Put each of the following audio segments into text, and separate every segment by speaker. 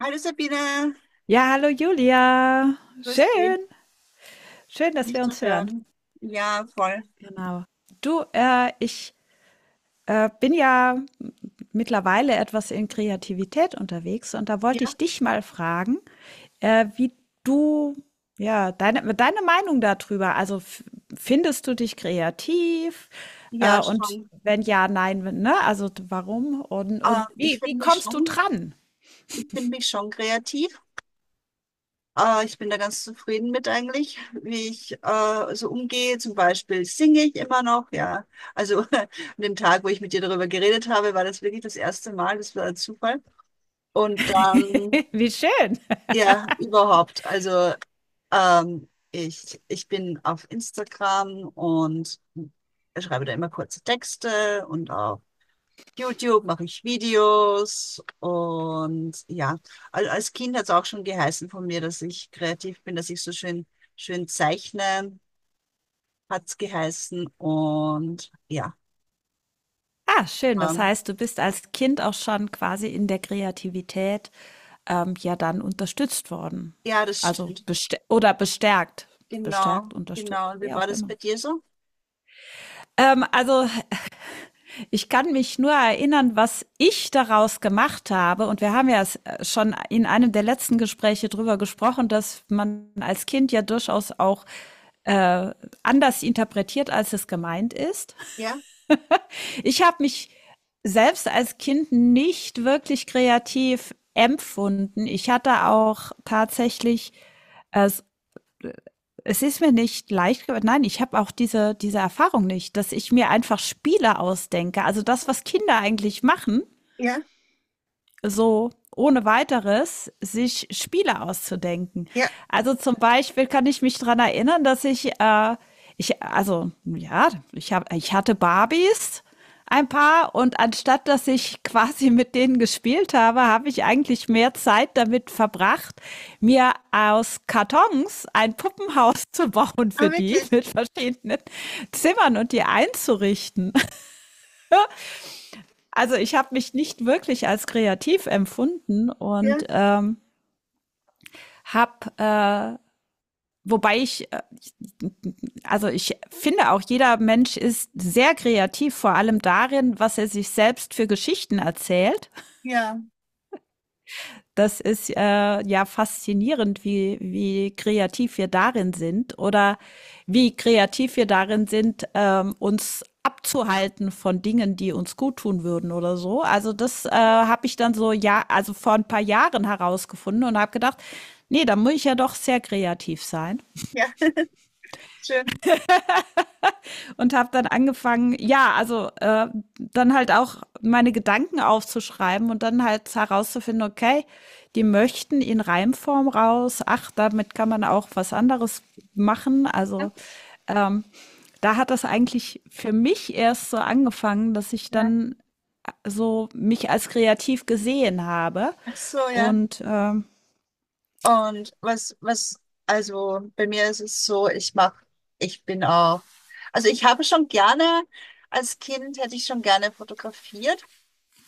Speaker 1: Hallo Sabine,
Speaker 2: Ja, hallo Julia.
Speaker 1: grüß dich,
Speaker 2: Schön, schön, dass
Speaker 1: dich
Speaker 2: wir
Speaker 1: zu
Speaker 2: uns hören.
Speaker 1: hören. Ja, voll.
Speaker 2: Genau. Du, ich bin ja m- mittlerweile etwas in Kreativität unterwegs und da wollte
Speaker 1: Ja,
Speaker 2: ich dich mal fragen, wie du, ja, deine Meinung darüber. Also findest du dich kreativ?
Speaker 1: ja,
Speaker 2: Und
Speaker 1: schon.
Speaker 2: wenn ja, nein, wenn- ne? Also warum?
Speaker 1: Äh,
Speaker 2: Und
Speaker 1: ich
Speaker 2: wie,
Speaker 1: finde
Speaker 2: wie
Speaker 1: mich
Speaker 2: kommst du
Speaker 1: schon,
Speaker 2: dran?
Speaker 1: ich finde mich schon kreativ. Ich bin da ganz zufrieden mit eigentlich, wie ich so umgehe. Zum Beispiel singe ich immer noch, ja. Also an dem Tag, wo ich mit dir darüber geredet habe, war das wirklich das erste Mal, das war ein Zufall. Und dann,
Speaker 2: Wie schön.
Speaker 1: ja, überhaupt. Also Ich bin auf Instagram und schreibe da immer kurze Texte und auf YouTube mache ich Videos und ja, als Kind hat es auch schon geheißen von mir, dass ich kreativ bin, dass ich so schön, schön zeichne, hat es geheißen und ja,
Speaker 2: Ah, schön. Das
Speaker 1: ähm,
Speaker 2: heißt, du bist als Kind auch schon quasi in der Kreativität, ja dann unterstützt worden.
Speaker 1: ja, das
Speaker 2: Also
Speaker 1: stimmt.
Speaker 2: bestär oder bestärkt.
Speaker 1: Genau,
Speaker 2: Bestärkt, unterstützt,
Speaker 1: genau. Und wie
Speaker 2: wie
Speaker 1: war
Speaker 2: auch
Speaker 1: das bei
Speaker 2: immer.
Speaker 1: dir so?
Speaker 2: Also ich kann mich nur erinnern, was ich daraus gemacht habe. Und wir haben ja schon in einem der letzten Gespräche drüber gesprochen, dass man als Kind ja durchaus auch äh, anders interpretiert, als es gemeint ist.
Speaker 1: Ja,
Speaker 2: Ich habe mich selbst als Kind nicht wirklich kreativ empfunden. Ich hatte auch tatsächlich, es, es ist mir nicht leicht, ge- nein, ich habe auch diese Erfahrung nicht, dass ich mir einfach Spiele ausdenke. Also das, was Kinder eigentlich machen,
Speaker 1: ja,
Speaker 2: so ohne weiteres sich Spiele auszudenken.
Speaker 1: ja.
Speaker 2: Also zum Beispiel kann ich mich dran erinnern, dass ich, ich also ja, ich, habe ich hatte Barbies ein paar und anstatt dass ich quasi mit denen gespielt habe, habe ich eigentlich mehr Zeit damit verbracht, mir aus Kartons ein Puppenhaus zu bauen für
Speaker 1: Ah,
Speaker 2: die
Speaker 1: wirklich.
Speaker 2: mit verschiedenen Zimmern und die einzurichten. Also ich habe mich nicht wirklich als kreativ empfunden
Speaker 1: Ja,
Speaker 2: und habe, äh, wobei ich, äh, also ich finde auch, jeder Mensch ist sehr kreativ, vor allem darin, was er sich selbst für Geschichten erzählt.
Speaker 1: ja,
Speaker 2: Das ist ja faszinierend, wie, wie kreativ wir darin sind oder wie kreativ wir darin sind, uns abzuhalten von Dingen, die uns gut tun würden oder so. Also das habe ich dann so ja, also vor ein paar Jahren herausgefunden und habe gedacht, nee, da muss ich ja doch sehr kreativ sein.
Speaker 1: ja. Schön.
Speaker 2: Und habe dann angefangen, ja, dann halt auch meine Gedanken aufzuschreiben und dann halt herauszufinden, okay, die möchten in Reimform raus. Ach, damit kann man auch was anderes machen. Ähm, Da hat das eigentlich für mich erst so angefangen, dass ich
Speaker 1: Ja.
Speaker 2: dann so mich als kreativ gesehen habe.
Speaker 1: Ach so, ja.
Speaker 2: Und
Speaker 1: Und also bei mir ist es so, ich mach, ich bin auch, also ich habe schon gerne, als Kind hätte ich schon gerne fotografiert.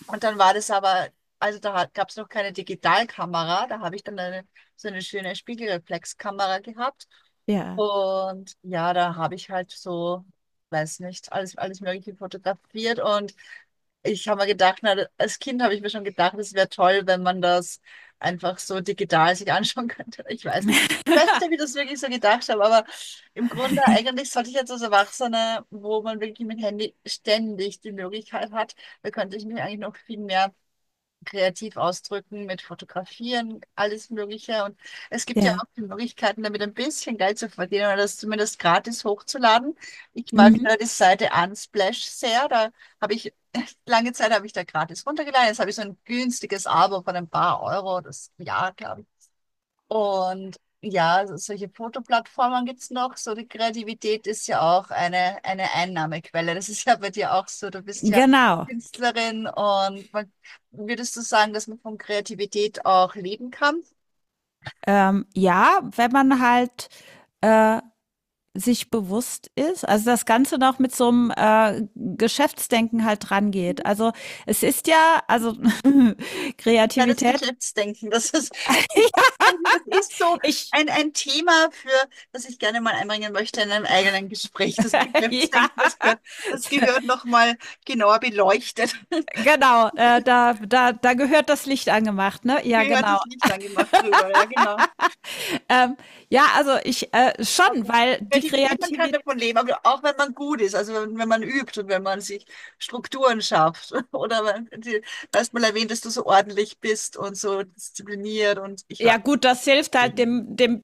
Speaker 1: Und dann war das aber, also da gab es noch keine Digitalkamera, da habe ich dann so eine schöne Spiegelreflexkamera gehabt.
Speaker 2: ja,
Speaker 1: Und ja, da habe ich halt so, weiß nicht, alles Mögliche fotografiert. Und ich habe mir gedacht, na, als Kind habe ich mir schon gedacht, es wäre toll, wenn man das einfach so digital sich anschauen könnte. Ich weiß nicht. Ich weiß nicht, ob ich das wirklich so gedacht habe, aber im Grunde eigentlich sollte ich jetzt als Erwachsener, wo man wirklich mit Handy ständig die Möglichkeit hat, da könnte ich mich eigentlich noch viel mehr kreativ ausdrücken, mit Fotografieren, alles Mögliche. Und es gibt ja
Speaker 2: ja,
Speaker 1: auch die Möglichkeiten, damit ein bisschen Geld zu verdienen oder das zumindest gratis hochzuladen. Ich mag
Speaker 2: mhm.
Speaker 1: da die Seite Unsplash sehr. Da habe ich, lange Zeit habe ich da gratis runtergeladen. Jetzt habe ich so ein günstiges Abo von ein paar Euro, das Jahr, glaube ich. Und ja, solche Fotoplattformen gibt's noch. So die Kreativität ist ja auch eine Einnahmequelle. Das ist ja bei dir auch so. Du bist ja
Speaker 2: Genau.
Speaker 1: Künstlerin und man, würdest du sagen, dass man von Kreativität auch leben kann?
Speaker 2: Ja, wenn man halt äh, sich bewusst ist, also das Ganze noch mit so einem Geschäftsdenken halt dran geht. Also es ist ja, also
Speaker 1: Ja, das
Speaker 2: Kreativität,
Speaker 1: Betriebsdenken, das ist so
Speaker 2: ich,
Speaker 1: ein Thema für, das ich gerne mal einbringen möchte in einem eigenen Gespräch. Das
Speaker 2: ja,
Speaker 1: Betriebsdenken, das gehört nochmal genauer beleuchtet.
Speaker 2: genau, da gehört das Licht angemacht, ne? Ja,
Speaker 1: Gehört
Speaker 2: genau.
Speaker 1: das Licht angemacht drüber, ja, genau.
Speaker 2: Ähm, ja, also ich schon,
Speaker 1: Also
Speaker 2: weil die
Speaker 1: Kreativität, man kann
Speaker 2: Kreativität.
Speaker 1: davon leben, aber auch wenn man gut ist, also wenn man übt und wenn man sich Strukturen schafft. Oder wenn, die- du hast mal erwähnt, dass du so ordentlich bist und so diszipliniert und ich war.
Speaker 2: Ja gut, das hilft halt dem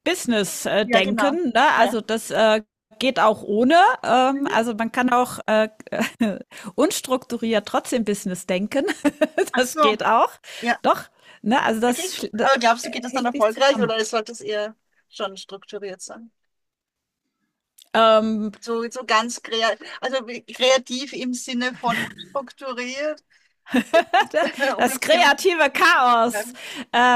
Speaker 1: Ja, genau.
Speaker 2: Business-Denken, ne?
Speaker 1: Ja.
Speaker 2: Also das geht auch ohne.
Speaker 1: Mhm.
Speaker 2: Also man kann auch unstrukturiert trotzdem Business denken.
Speaker 1: Ach
Speaker 2: Das
Speaker 1: so,
Speaker 2: geht auch.
Speaker 1: ja.
Speaker 2: Doch, ne? Also
Speaker 1: Okay.
Speaker 2: das, sch-
Speaker 1: Aber glaubst du, geht das dann
Speaker 2: hängt nicht
Speaker 1: erfolgreich
Speaker 2: zusammen.
Speaker 1: oder sollte es eher schon strukturiert sein?
Speaker 2: Ähm,
Speaker 1: So ganz kreativ, also kreativ im Sinne von unstrukturiert, um im
Speaker 2: das
Speaker 1: Thema zu
Speaker 2: kreative Chaos.
Speaker 1: bleiben.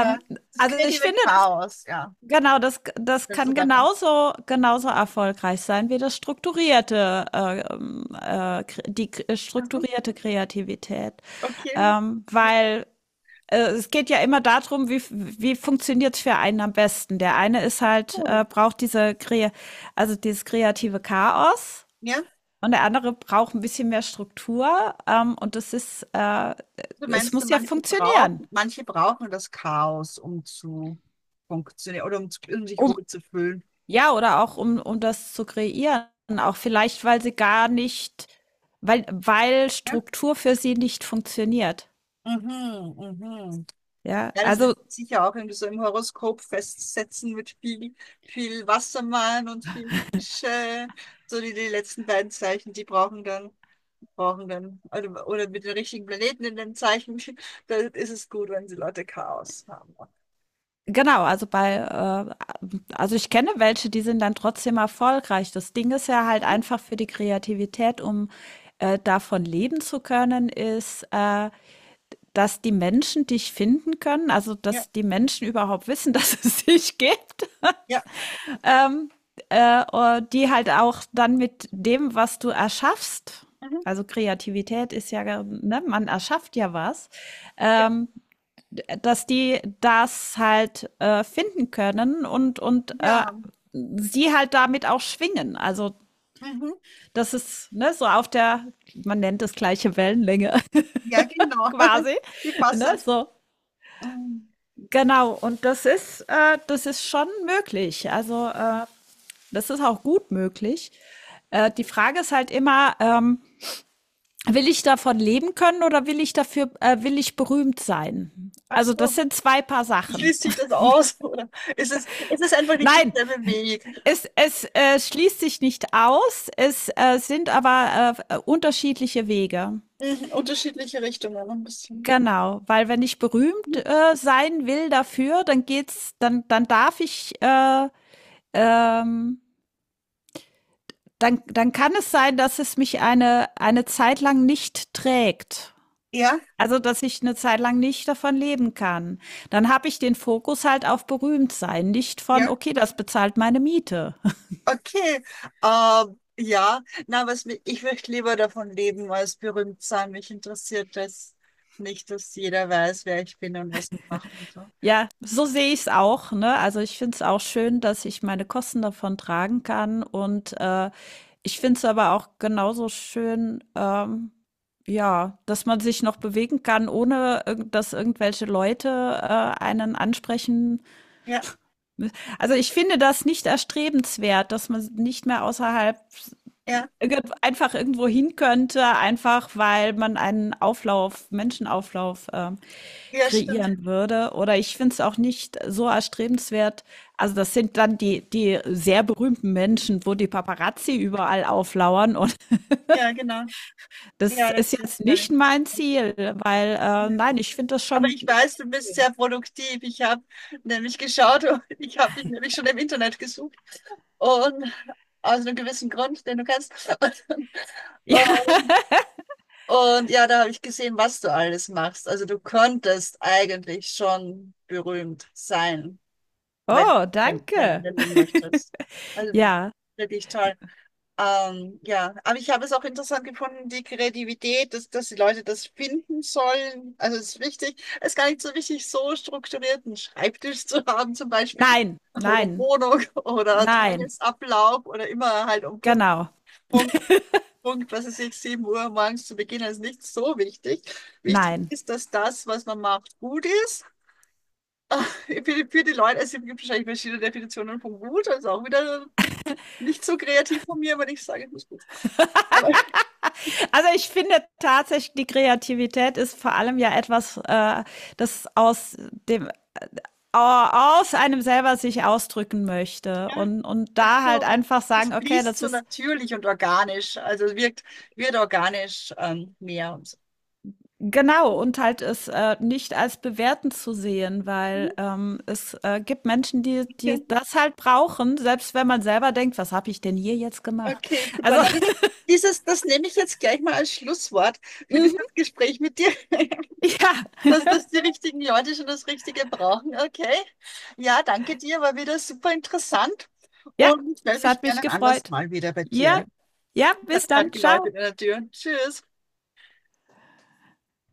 Speaker 1: Ja, das
Speaker 2: also ich
Speaker 1: kreative
Speaker 2: finde.
Speaker 1: Chaos, ja.
Speaker 2: Genau, das
Speaker 1: Was denkst du
Speaker 2: kann
Speaker 1: davon?
Speaker 2: genauso genauso erfolgreich sein wie das strukturierte, kre die k
Speaker 1: Also,
Speaker 2: strukturierte Kreativität.
Speaker 1: okay.
Speaker 2: Ähm,
Speaker 1: Mit
Speaker 2: weil, Es geht ja immer darum, wie f wie funktioniert's für einen am besten. Der eine ist halt
Speaker 1: Ton.
Speaker 2: braucht diese krea also, dieses kreative Chaos
Speaker 1: Ja?
Speaker 2: und der andere braucht ein bisschen mehr Struktur, und das ist,
Speaker 1: Du
Speaker 2: es
Speaker 1: meinst,
Speaker 2: muss ja funktionieren,
Speaker 1: manche brauchen das Chaos, um zu funktionieren oder um, um sich
Speaker 2: um.
Speaker 1: wohlzufühlen.
Speaker 2: Ja, oder auch um das zu kreieren, auch vielleicht, weil sie gar nicht weil
Speaker 1: Ja?
Speaker 2: Struktur für sie nicht funktioniert.
Speaker 1: Mhm, mhm.
Speaker 2: Ja,
Speaker 1: Ja, das
Speaker 2: also
Speaker 1: lässt sich sicher auch irgendwie so im Horoskop festsetzen mit viel Wassermann und viel Fische. So die, die letzten beiden Zeichen, brauchen dann, oder mit den richtigen Planeten in den Zeichen, da ist es gut, wenn sie Leute Chaos haben.
Speaker 2: genau, also ich kenne welche, die sind dann trotzdem erfolgreich. Das Ding ist ja halt
Speaker 1: Mhm.
Speaker 2: einfach für die Kreativität, davon leben zu können, ist, dass die Menschen dich finden können, also
Speaker 1: Ja,
Speaker 2: dass die Menschen überhaupt wissen, dass es dich gibt.
Speaker 1: ja,
Speaker 2: Die halt auch dann mit dem, was du erschaffst,
Speaker 1: mhm.
Speaker 2: also Kreativität ist ja, ne, man erschafft ja was,
Speaker 1: Ja.
Speaker 2: ähm, dass die das halt finden können und
Speaker 1: Ja,
Speaker 2: sie halt damit auch schwingen. Also
Speaker 1: Mhm.
Speaker 2: das ist ne, so auf der, man nennt es gleiche Wellenlänge
Speaker 1: Ja, genau.
Speaker 2: quasi.
Speaker 1: Wie passt
Speaker 2: Ne,
Speaker 1: das?
Speaker 2: so.
Speaker 1: Mhm.
Speaker 2: Genau, und das ist schon möglich. Das ist auch gut möglich. Die Frage ist halt immer, will ich davon leben können oder will ich dafür, will ich berühmt sein?
Speaker 1: Ach
Speaker 2: Also das
Speaker 1: so,
Speaker 2: sind zwei Paar Sachen.
Speaker 1: schließt sich das aus, oder? Ist es einfach nicht
Speaker 2: Nein,
Speaker 1: dasselbe Weg?
Speaker 2: es schließt sich nicht aus, es sind aber unterschiedliche Wege.
Speaker 1: Mhm, unterschiedliche Richtungen ein bisschen.
Speaker 2: Genau, weil wenn ich berühmt sein will dafür, dann darf ich, ähm, dann kann es sein, dass es mich eine Zeit lang nicht trägt.
Speaker 1: Ja,
Speaker 2: Also, dass ich eine Zeit lang nicht davon leben kann. Dann habe ich den Fokus halt auf Berühmtsein, nicht
Speaker 1: ja.
Speaker 2: von: „Okay, das bezahlt meine Miete.“
Speaker 1: Okay, ja, na, was ich möchte lieber davon leben als berühmt sein. Mich interessiert das nicht, dass jeder weiß, wer ich bin und was ich mache und so.
Speaker 2: Ja, so sehe ich es auch, ne? Also, ich finde es auch schön, dass ich meine Kosten davon tragen kann und, ich finde es aber auch genauso schön, ja, dass man sich noch bewegen kann, ohne irgend dass irgendwelche Leute, äh, einen ansprechen.
Speaker 1: Ja,
Speaker 2: Also, ich finde das nicht erstrebenswert, dass man nicht mehr außerhalb
Speaker 1: ja,
Speaker 2: irgend einfach irgendwo hin könnte, einfach weil man einen Auflauf, Menschenauflauf
Speaker 1: ja, stimmt.
Speaker 2: kreieren würde. Oder ich finde es auch nicht so erstrebenswert. Also das sind dann die sehr berühmten Menschen, wo die Paparazzi überall auflauern. Und
Speaker 1: Ja, genau.
Speaker 2: das
Speaker 1: Ja,
Speaker 2: ist
Speaker 1: das
Speaker 2: jetzt
Speaker 1: ist mir
Speaker 2: nicht
Speaker 1: nichts.
Speaker 2: mein Ziel, weil nein, ich finde das
Speaker 1: Aber
Speaker 2: schon.
Speaker 1: ich weiß, du bist sehr produktiv. Ich habe nämlich geschaut und ich habe dich nämlich schon im Internet gesucht. Und aus einem gewissen Grund, den du kennst. Und,
Speaker 2: Ja.
Speaker 1: und, ja, da habe ich gesehen, was du alles machst. Also du könntest eigentlich schon berühmt sein, wenn,
Speaker 2: Oh,
Speaker 1: wenn, wenn,
Speaker 2: danke.
Speaker 1: wenn du möchtest. Also
Speaker 2: Ja.
Speaker 1: wirklich toll. Ja, aber ich habe es auch interessant gefunden, die Kreativität, dass die Leute das finden sollen. Also es ist wichtig, es ist gar nicht so wichtig, so strukturiert einen Schreibtisch zu haben zum Beispiel
Speaker 2: Nein,
Speaker 1: oder
Speaker 2: nein,
Speaker 1: Wohnung oder
Speaker 2: nein.
Speaker 1: Tagesablauf oder immer halt um
Speaker 2: Genau.
Speaker 1: Punkt, Punkt, was weiß ich, 7 Uhr morgens zu beginnen, ist nicht so wichtig. Wichtig
Speaker 2: Nein.
Speaker 1: ist, dass das, was man macht, gut ist. Ah, für die, für die Leute, also es gibt wahrscheinlich verschiedene Definitionen von gut, also auch wieder nicht so kreativ von mir, wenn ich sage, es muss gut sein. Aber
Speaker 2: Also ich finde tatsächlich, die Kreativität ist vor allem ja etwas, das aus dem aus einem selber sich ausdrücken möchte
Speaker 1: ja,
Speaker 2: und
Speaker 1: ach
Speaker 2: da halt
Speaker 1: so,
Speaker 2: einfach
Speaker 1: das
Speaker 2: sagen, okay,
Speaker 1: fließt
Speaker 2: das
Speaker 1: so
Speaker 2: ist
Speaker 1: natürlich und organisch, also es wirkt, wird organisch mehr und so.
Speaker 2: genau und halt es nicht als bewertend zu sehen, weil
Speaker 1: Mhm,
Speaker 2: es gibt Menschen, die
Speaker 1: okay,
Speaker 2: das halt brauchen, selbst wenn man selber denkt, was habe ich denn hier jetzt gemacht?
Speaker 1: okay, super.
Speaker 2: Also
Speaker 1: Na, das nehme ich jetzt gleich mal als Schlusswort für
Speaker 2: mhm,
Speaker 1: dieses Gespräch mit dir,
Speaker 2: ja,
Speaker 1: dass die richtigen Leute schon das Richtige brauchen. Okay. Ja, danke dir, war wieder super interessant
Speaker 2: ja,
Speaker 1: und ich melde
Speaker 2: es
Speaker 1: mich
Speaker 2: hat mich
Speaker 1: gerne ein anderes
Speaker 2: gefreut.
Speaker 1: Mal wieder bei
Speaker 2: Ja,
Speaker 1: dir.
Speaker 2: ja, bis
Speaker 1: Hat gerade
Speaker 2: dann, ciao.
Speaker 1: geläutet in der Tür. Tschüss.